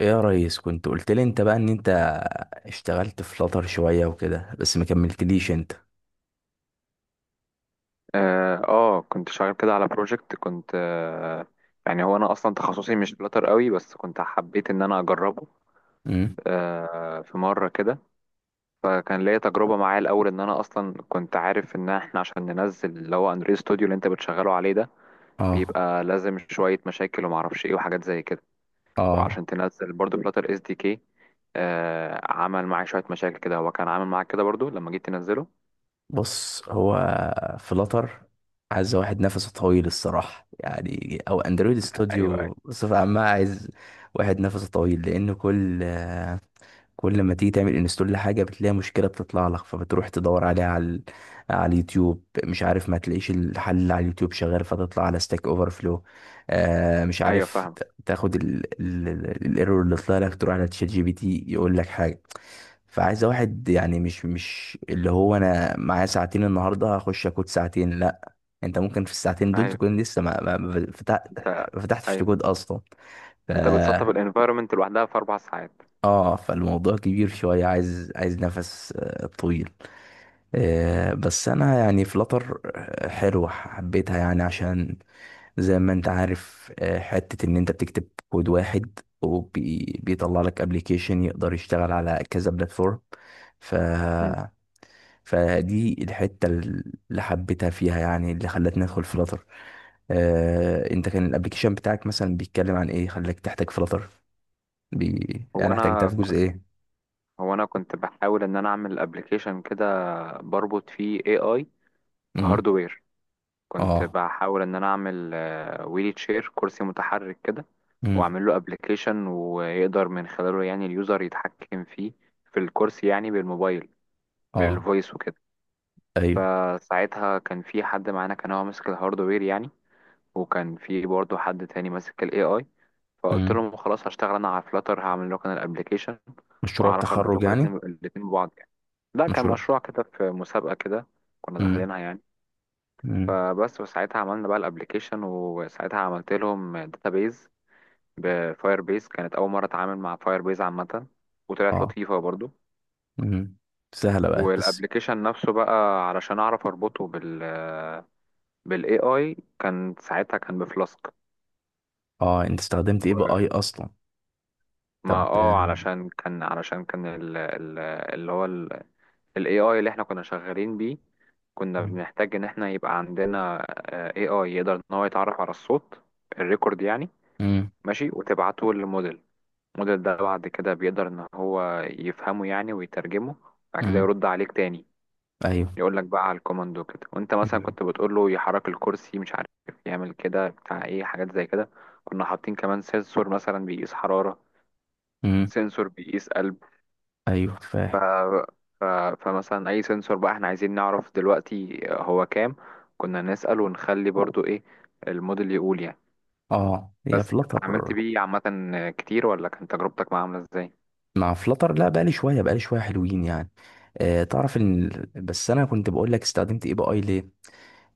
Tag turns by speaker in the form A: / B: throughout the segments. A: ايه يا ريس، كنت قلت لي انت بقى ان انت اشتغلت في فلاتر شوية وكده، بس ما كملتليش انت؟
B: اه كنت شغال كده على بروجكت كنت آه يعني هو انا اصلا تخصصي مش فلاتر قوي، بس كنت حبيت ان انا اجربه.
A: امم
B: في مره كده، فكان ليا تجربه معاه. الاول ان انا اصلا كنت عارف ان احنا عشان ننزل اللي هو انريل ستوديو اللي انت بتشغله عليه ده،
A: اه.
B: بيبقى لازم شويه مشاكل ومعرفش ايه وحاجات زي كده،
A: اه.
B: وعشان تنزل برضو فلاتر اس دي كي، عمل معايا شويه مشاكل كده. هو كان عامل معاك كده برضو لما جيت تنزله؟
A: بص، هو فلاتر عايز واحد نفسه طويل الصراحة، يعني او اندرويد
B: ايوه، ايوه،
A: استوديو بصفة عامة عايز واحد نفسه طويل، لان كل ما تيجي تعمل انستول لحاجه بتلاقي مشكله بتطلع لك، فبتروح تدور عليها على على اليوتيوب، مش عارف، ما تلاقيش الحل اللي على اليوتيوب شغال، فتطلع على ستاك اوفر فلو. مش
B: ايوه،
A: عارف
B: فاهم،
A: تاخد الايرور اللي طلع لك، تروح على تشات جي بي تي يقول لك حاجه. فعايز واحد يعني مش اللي هو انا معايا ساعتين النهارده هخش اكود ساعتين، لا، انت ممكن في الساعتين دول
B: ايوه.
A: تكون لسه
B: انت
A: ما فتحتش
B: ايوه
A: تكود اصلا.
B: انت بتسطب الانفايرمنت لوحدها في 4 ساعات.
A: اه، فالموضوع كبير شوية، عايز نفس طويل. بس انا يعني فلتر حلوة حبيتها يعني عشان زي ما انت عارف حتة ان انت بتكتب كود واحد وبيطلع لك ابلكيشن يقدر يشتغل على كذا بلاتفورم. ف
B: مم.
A: فدي الحتة اللي حبيتها فيها يعني، اللي خلتني ادخل فلتر. انت كان الابلكيشن بتاعك مثلا بيتكلم عن ايه خلاك تحتاج فلتر؟
B: هو
A: يعني احتاجتها
B: انا
A: في جزء
B: كنت
A: ايه؟
B: هو انا كنت بحاول ان انا اعمل ابلكيشن كده بربط فيه اي اي
A: امم
B: هاردوير. كنت
A: اه.
B: بحاول ان انا اعمل ويلي تشير، كرسي متحرك كده،
A: امم
B: واعمل له ابلكيشن ويقدر من خلاله يعني اليوزر يتحكم فيه، في الكرسي، يعني بالموبايل
A: اه.
B: بالفويس وكده.
A: ايوه.
B: فساعتها كان في حد معانا كان هو ماسك الهاردوير يعني، وكان في برضه حد تاني ماسك الاي اي. فقلت
A: امم
B: لهم خلاص هشتغل انا على فلاتر، هعمل لكم انا الابلكيشن
A: مشروع
B: واعرف اربط
A: التخرج
B: لكم
A: يعني.
B: الاثنين ببعض يعني. لا، كان
A: مشروع.
B: مشروع كده في مسابقه كده كنا
A: امم
B: داخلينها يعني.
A: امم
B: فبس، وساعتها عملنا بقى الابلكيشن، وساعتها عملت لهم داتابيز بفاير بيز. كانت اول مره اتعامل مع فاير بيز عامه، وطلعت
A: اه.
B: لطيفه برضو.
A: امم سهله بقى بس.
B: والابلكيشن نفسه بقى، علشان اعرف اربطه بالاي اي، كان ساعتها كان بفلاسك.
A: اه، انت استخدمت ايه بقى، اي اصلا؟
B: ما
A: طب.
B: اه علشان كان اللي هو ال AI اللي احنا كنا شغالين بيه، كنا
A: امم
B: بنحتاج ان احنا يبقى عندنا AI يقدر ان هو يتعرف على الصوت الريكورد يعني،
A: امم
B: ماشي، وتبعته للموديل. الموديل ده بعد كده بيقدر ان هو يفهمه يعني ويترجمه، بعد كده
A: امم
B: يرد عليك تاني،
A: ايوه.
B: يقول لك بقى على الكوماند وكده. وانت مثلا
A: امم
B: كنت بتقول له يحرك الكرسي، مش عارف يعمل كده بتاع ايه، حاجات زي كده. كنا حاطين كمان سنسور مثلا بيقيس حرارة،
A: امم
B: سنسور بيقيس قلب.
A: ايوه، فاهم.
B: ف- فمثلا اي سنسور بقى احنا عايزين نعرف دلوقتي هو كام، كنا نسأل، ونخلي برضو ايه الموديل يقول يعني.
A: اه، هي
B: بس،
A: فلتر.
B: اتعاملت بيه عامة كتير، ولا كانت تجربتك معاه عاملة ازاي؟
A: مع فلتر، لا، بقى لي شويه، حلوين يعني. آه، تعرف ان بس انا كنت بقول لك استخدمت ايه بقى، اي ليه؟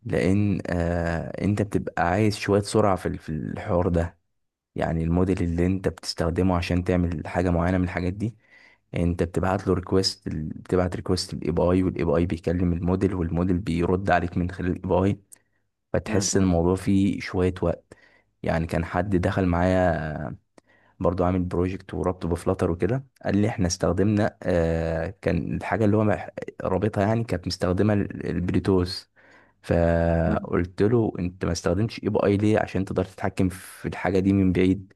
A: لان آه، انت بتبقى عايز شويه سرعه في في الحوار ده، يعني الموديل اللي انت بتستخدمه عشان تعمل حاجه معينه من الحاجات دي، انت بتبعت له ريكويست، بتبعت ريكويست للاي بي اي، والاي بي اي بيكلم الموديل، والموديل بيرد عليك من خلال الاي بي اي.
B: مم،
A: فتحس
B: مم،
A: الموضوع فيه شويه وقت، يعني كان حد دخل معايا برضو عامل بروجكت وربطه بفلاتر وكده، قال لي احنا استخدمنا آه، كان الحاجه اللي هو رابطها يعني كانت مستخدمه البلوتوث.
B: مم،
A: فقلت له انت ما استخدمتش اي بي اي ليه عشان تقدر تتحكم في الحاجه دي من بعيد؟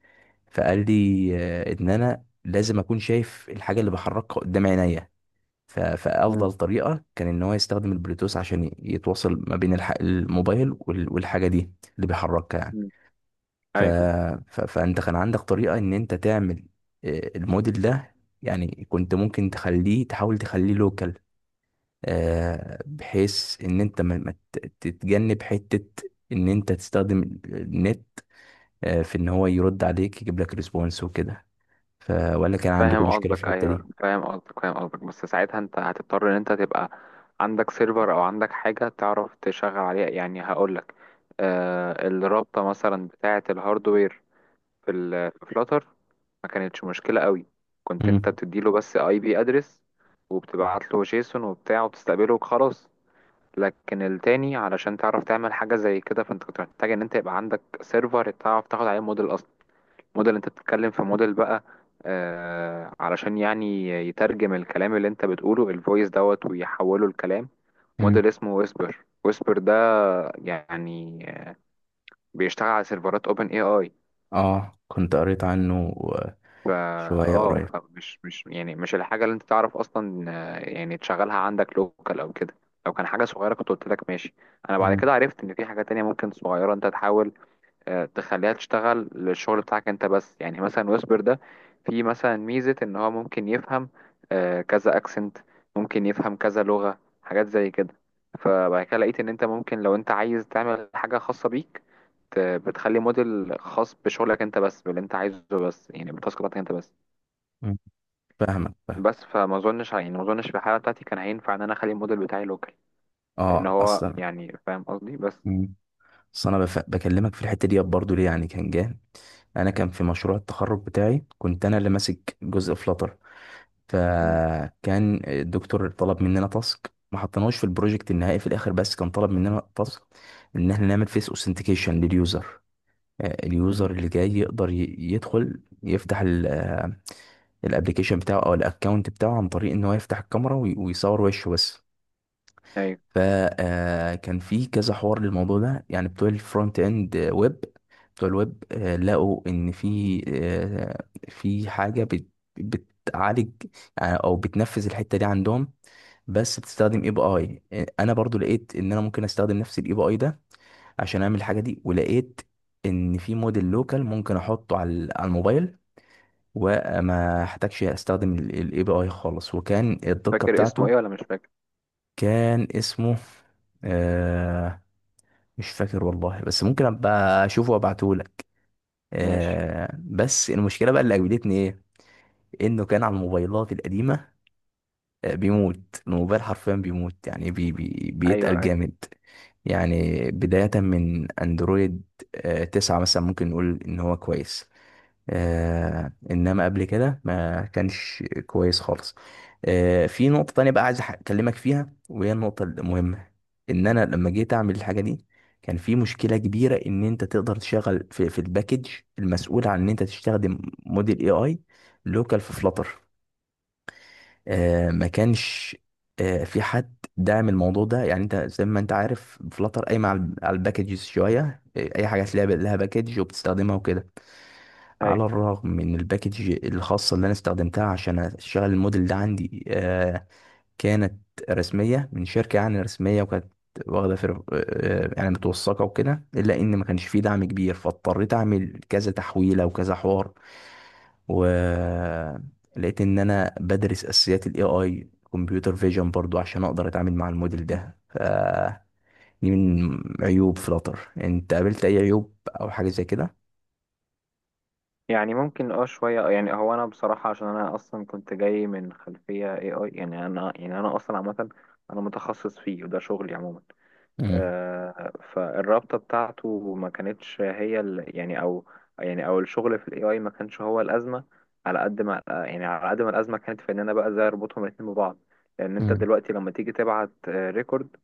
A: فقال لي آه، ان انا لازم اكون شايف الحاجه اللي بحركها قدام عينيا.
B: مم،
A: فافضل طريقه كان ان هو يستخدم البلوتوث عشان يتواصل ما بين الموبايل والحاجه دي اللي بيحركها يعني.
B: مم.
A: ف...
B: ايوه
A: فانت كان عندك طريقة ان انت تعمل الموديل ده، يعني كنت ممكن تخليه، تحاول تخليه لوكال، بحيث ان انت ما ما ت- تتجنب حتة ان انت تستخدم النت في ان هو يرد عليك يجيب لك ريسبونس وكده. ولا كان عندكم
B: فاهم
A: مشكلة في
B: قصدك
A: الحتة
B: ايوه
A: دي؟
B: فاهم قصدك فاهم قصدك. بس ساعتها انت هتضطر ان انت تبقى عندك سيرفر، او عندك حاجة تعرف تشغل عليها، يعني هقولك الرابطة مثلا بتاعة الهاردوير في فلاتر ما كانتش مشكلة قوي. كنت انت
A: مم.
B: بتديله بس اي بي ادرس، وبتبعت له جيسون وبتاع وبتستقبله وخلاص. لكن التاني، علشان تعرف تعمل حاجة زي كده، فانت كنت محتاج ان انت يبقى عندك سيرفر تعرف تاخد عليه موديل اصلا. موديل، انت بتتكلم في موديل بقى، علشان يعني يترجم الكلام اللي انت بتقوله، الفويس دوت، ويحوله لكلام.
A: مم.
B: موديل اسمه ويسبر ده يعني بيشتغل على سيرفرات اوبن اي اي.
A: اه، كنت قريت عنه
B: فا
A: شوية
B: اه
A: قريب.
B: فمش مش يعني مش الحاجة اللي انت تعرف اصلا، يعني تشغلها عندك لوكال او كده. لو كان حاجة صغيرة كنت قلت لك ماشي. انا بعد
A: مم.
B: كده عرفت ان في حاجة تانية ممكن صغيرة انت تحاول تخليها تشتغل للشغل بتاعك انت بس. يعني مثلا ويسبر ده في مثلا ميزة ان هو ممكن يفهم كذا اكسنت، ممكن يفهم كذا لغة، حاجات زي كده. فبعد كده لقيت ان انت ممكن لو انت عايز تعمل حاجة خاصة بيك، بتخلي موديل خاص بشغلك انت بس، باللي انت عايزه بس، يعني بالتاسك بتاعتك انت بس.
A: مم. فاهمك، فاهم.
B: بس فما اظنش يعني ما اظنش في الحاله بتاعتي كان هينفع ان انا اخلي الموديل بتاعي لوكال، لان
A: اه
B: هو
A: اصلا.
B: يعني فاهم قصدي بس.
A: بس انا بكلمك في الحته دي برضو ليه، يعني كان جه، انا كان في مشروع التخرج بتاعي، كنت انا اللي ماسك جزء فلاتر،
B: مم.
A: فكان الدكتور طلب مننا تاسك، ما حطيناهوش في البروجكت النهائي في الاخر، بس كان طلب مننا تاسك ان احنا نعمل فيس اوثنتيكيشن لليوزر.
B: مم.
A: اليوزر اللي جاي يقدر يدخل، يفتح الابلكيشن بتاعه او الاكونت بتاعه عن طريق ان هو يفتح الكاميرا ويصور وشه بس.
B: ايوه،
A: فكان في كذا حوار للموضوع ده، يعني بتوع الفرونت اند ويب، بتوع الويب لقوا ان في في حاجه بتعالج يعني او بتنفذ الحته دي عندهم بس بتستخدم اي بي اي. انا برضو لقيت ان انا ممكن استخدم نفس الاي بي اي ده عشان اعمل الحاجه دي، ولقيت ان في موديل لوكال ممكن احطه على على الموبايل، وما احتاجش استخدم الاي بي اي خالص، وكان الدقه
B: فاكر اسمه
A: بتاعته.
B: ايه ولا مش فاكر؟
A: كان اسمه آه، مش فاكر والله، بس ممكن ابقى اشوفه وابعتهولك.
B: ماشي.
A: آه، بس المشكله بقى اللي اجبدتني ايه، انه كان على الموبايلات القديمه، آه، بيموت الموبايل حرفيا، بيموت يعني بي بي
B: ايوه،
A: بيتقل
B: ايوه،
A: جامد. يعني بدايه من اندرويد آه 9 مثلا ممكن نقول ان هو كويس، آه، انما قبل كده ما كانش كويس خالص. آه، في نقطة تانية بقى عايز اكلمك فيها وهي النقطة المهمة، ان انا لما جيت اعمل الحاجة دي كان في مشكلة كبيرة ان انت تقدر تشغل في الباكج المسؤول عن ان انت تستخدم موديل اي اي لوكال في فلاتر. آه، ما كانش آه، في حد داعم الموضوع ده، يعني انت زي ما انت عارف فلاتر قايمة على الباكجز شوية، اي حاجة تلاقي لها باكج وبتستخدمها وكده.
B: ايوه.
A: على الرغم من الباكج الخاصة اللي أنا استخدمتها عشان أشغل الموديل ده عندي كانت رسمية من شركة، يعني رسمية، وكانت واخدة فر... آه، يعني متوثقة وكده، إلا إن ما كانش فيه دعم كبير، فاضطريت أعمل كذا تحويلة وكذا حوار. ولقيت إن أنا بدرس أساسيات ال AI، كمبيوتر فيجن برضو، عشان أقدر أتعامل مع الموديل ده. دي من عيوب فلاتر. أنت قابلت أي عيوب أو حاجة زي كده؟
B: يعني ممكن شويه. يعني هو انا بصراحه عشان انا اصلا كنت جاي من خلفيه اي اي، يعني انا اصلا عامه، انا متخصص فيه وده شغلي عموما.
A: مم.
B: فالرابطة بتاعته ما كانتش هي يعني او الشغل في الاي اي ما كانش هو الازمة. على قد ما الازمة كانت في ان انا بقى ازاي اربطهم الاتنين ببعض. لان انت
A: مم.
B: دلوقتي لما تيجي تبعت ريكورد،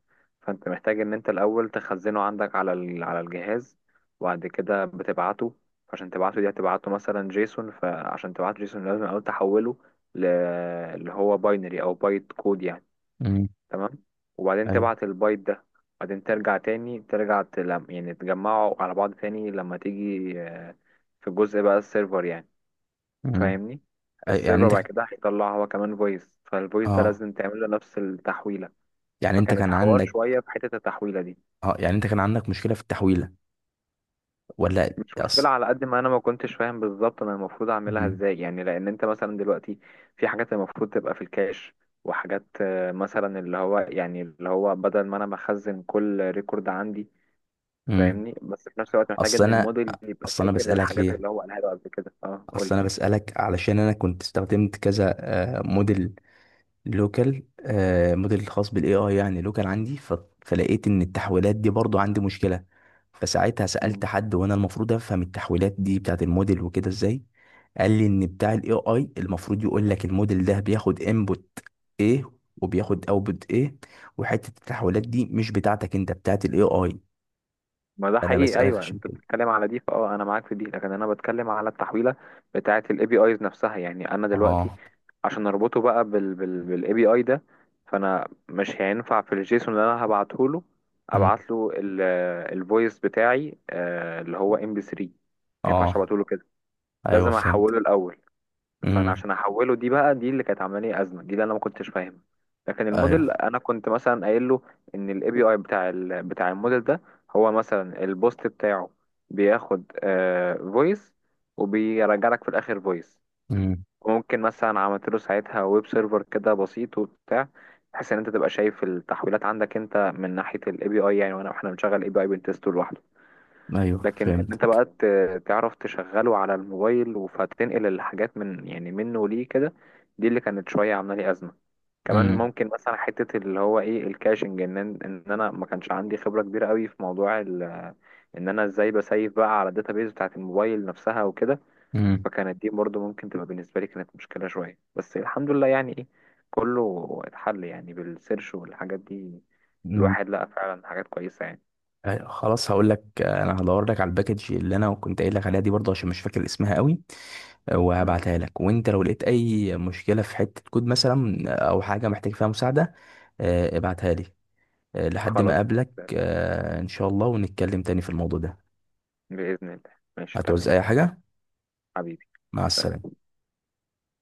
B: فانت محتاج ان انت الاول تخزنه عندك على الجهاز، وبعد كده بتبعته. عشان تبعته، دي هتبعته مثلا جيسون، فعشان تبعته جيسون لازم الاول تحوله ل... اللي هو باينري او بايت كود يعني.
A: مم.
B: تمام. وبعدين تبعت البايت ده، بعدين ترجع تاني، ترجع تلم، يعني تجمعه على بعض تاني لما تيجي، في جزء بقى السيرفر يعني،
A: ايوه.
B: فاهمني؟
A: يعني
B: السيرفر
A: انت،
B: بعد كده هيطلع هو كمان فويس، فالفويس ده
A: اه،
B: لازم تعمل له نفس التحويلة.
A: يعني انت
B: فكانت
A: كان
B: حوار
A: عندك،
B: شوية في حتة التحويلة دي.
A: اه، يعني انت كان عندك مشكلة في التحويلة ولا
B: مش
A: اصل؟
B: مشكلة، على قد ما أنا ما كنتش فاهم بالظبط أنا المفروض أعملها
A: امم
B: إزاي، يعني لأن أنت مثلا دلوقتي في حاجات المفروض تبقى في الكاش، وحاجات مثلا اللي هو بدل ما أنا بخزن كل ريكورد عندي،
A: امم
B: فاهمني؟ بس في نفس الوقت محتاج
A: اصل
B: ان
A: انا
B: الموديل يبقى
A: اصل انا
B: فاكر
A: بسألك
B: الحاجات
A: ليه،
B: اللي هو قالها له قبل كده. اه قول
A: اصل
B: لي.
A: انا بسألك علشان انا كنت استخدمت كذا موديل لوكال، آه، موديل الخاص بالاي اي يعني لوكال عندي. فلقيت ان التحويلات دي برضو عندي مشكله، فساعتها
B: مم.
A: سالت حد، وانا المفروض افهم التحويلات دي بتاعت الموديل وكده ازاي. قال لي ان بتاع الاي اي المفروض يقول لك الموديل ده بياخد انبوت ايه وبياخد اوتبوت ايه، وحته التحويلات دي مش بتاعتك انت، بتاعت الاي اي.
B: ما ده
A: انا
B: حقيقي،
A: بسالك
B: ايوه،
A: عشان
B: انت
A: كده.
B: بتتكلم على دي. انا معاك في دي، لكن انا بتكلم على التحويله بتاعه الاي بي ايز نفسها، يعني انا دلوقتي
A: اه.
B: عشان اربطه بقى بالاي بي اي ده، فانا مش هينفع في الجيسون اللي انا هبعته له،
A: أمم.
B: ابعت له الفويس بتاعي، اللي هو MP3. ما ينفعش
A: اه.
B: ابعته له كده،
A: ايوه،
B: لازم
A: فهمت.
B: احوله الاول. فانا
A: امم
B: عشان احوله، دي بقى دي اللي كانت عامله لي ازمه، دي اللي انا ما كنتش فاهمها. لكن
A: ايوه.
B: الموديل انا كنت مثلا قايل له ان الاي بي اي بتاع الموديل ده، هو مثلا البوست بتاعه بياخد فويس، وبيرجع لك في الاخر فويس.
A: امم
B: وممكن مثلا عملت له ساعتها ويب سيرفر كده بسيط وبتاع، بحيث ان انت تبقى شايف التحويلات عندك انت من ناحيه الاي بي اي يعني، وانا احنا بنشغل الاي بي اي بنتست لوحده.
A: ايوه،
B: لكن ان انت
A: فهمت.
B: بقى تعرف تشغله على الموبايل، فتنقل الحاجات من، يعني منه ليه كده، دي اللي كانت شويه عامله لي ازمه. كمان
A: امم
B: ممكن مثلا حته اللي هو ايه الكاشنج، ان انا ما كانش عندي خبره كبيره قوي في موضوع ان انا ازاي بسيف بقى على الداتابيز بتاعت الموبايل نفسها وكده.
A: امم
B: فكانت دي برضو ممكن تبقى بالنسبه لي كانت مشكله شويه، بس الحمد لله يعني، ايه، كله اتحل يعني بالسيرش والحاجات دي. الواحد لقى فعلا حاجات كويسه يعني.
A: خلاص، هقول لك انا هدور لك على الباكج اللي انا كنت قايل لك عليها دي برضه، عشان مش فاكر اسمها قوي.
B: مم.
A: وهبعتها لك، وانت لو لقيت اي مشكله في حته كود مثلا او حاجه محتاج فيها مساعده ابعتها لي. لحد ما
B: خلاص.
A: اقابلك ان شاء الله، ونتكلم تاني في الموضوع ده.
B: بإذن الله. ماشي،
A: هتعوز
B: تمام.
A: اي حاجه؟
B: حبيبي،
A: مع
B: سلام.
A: السلامه.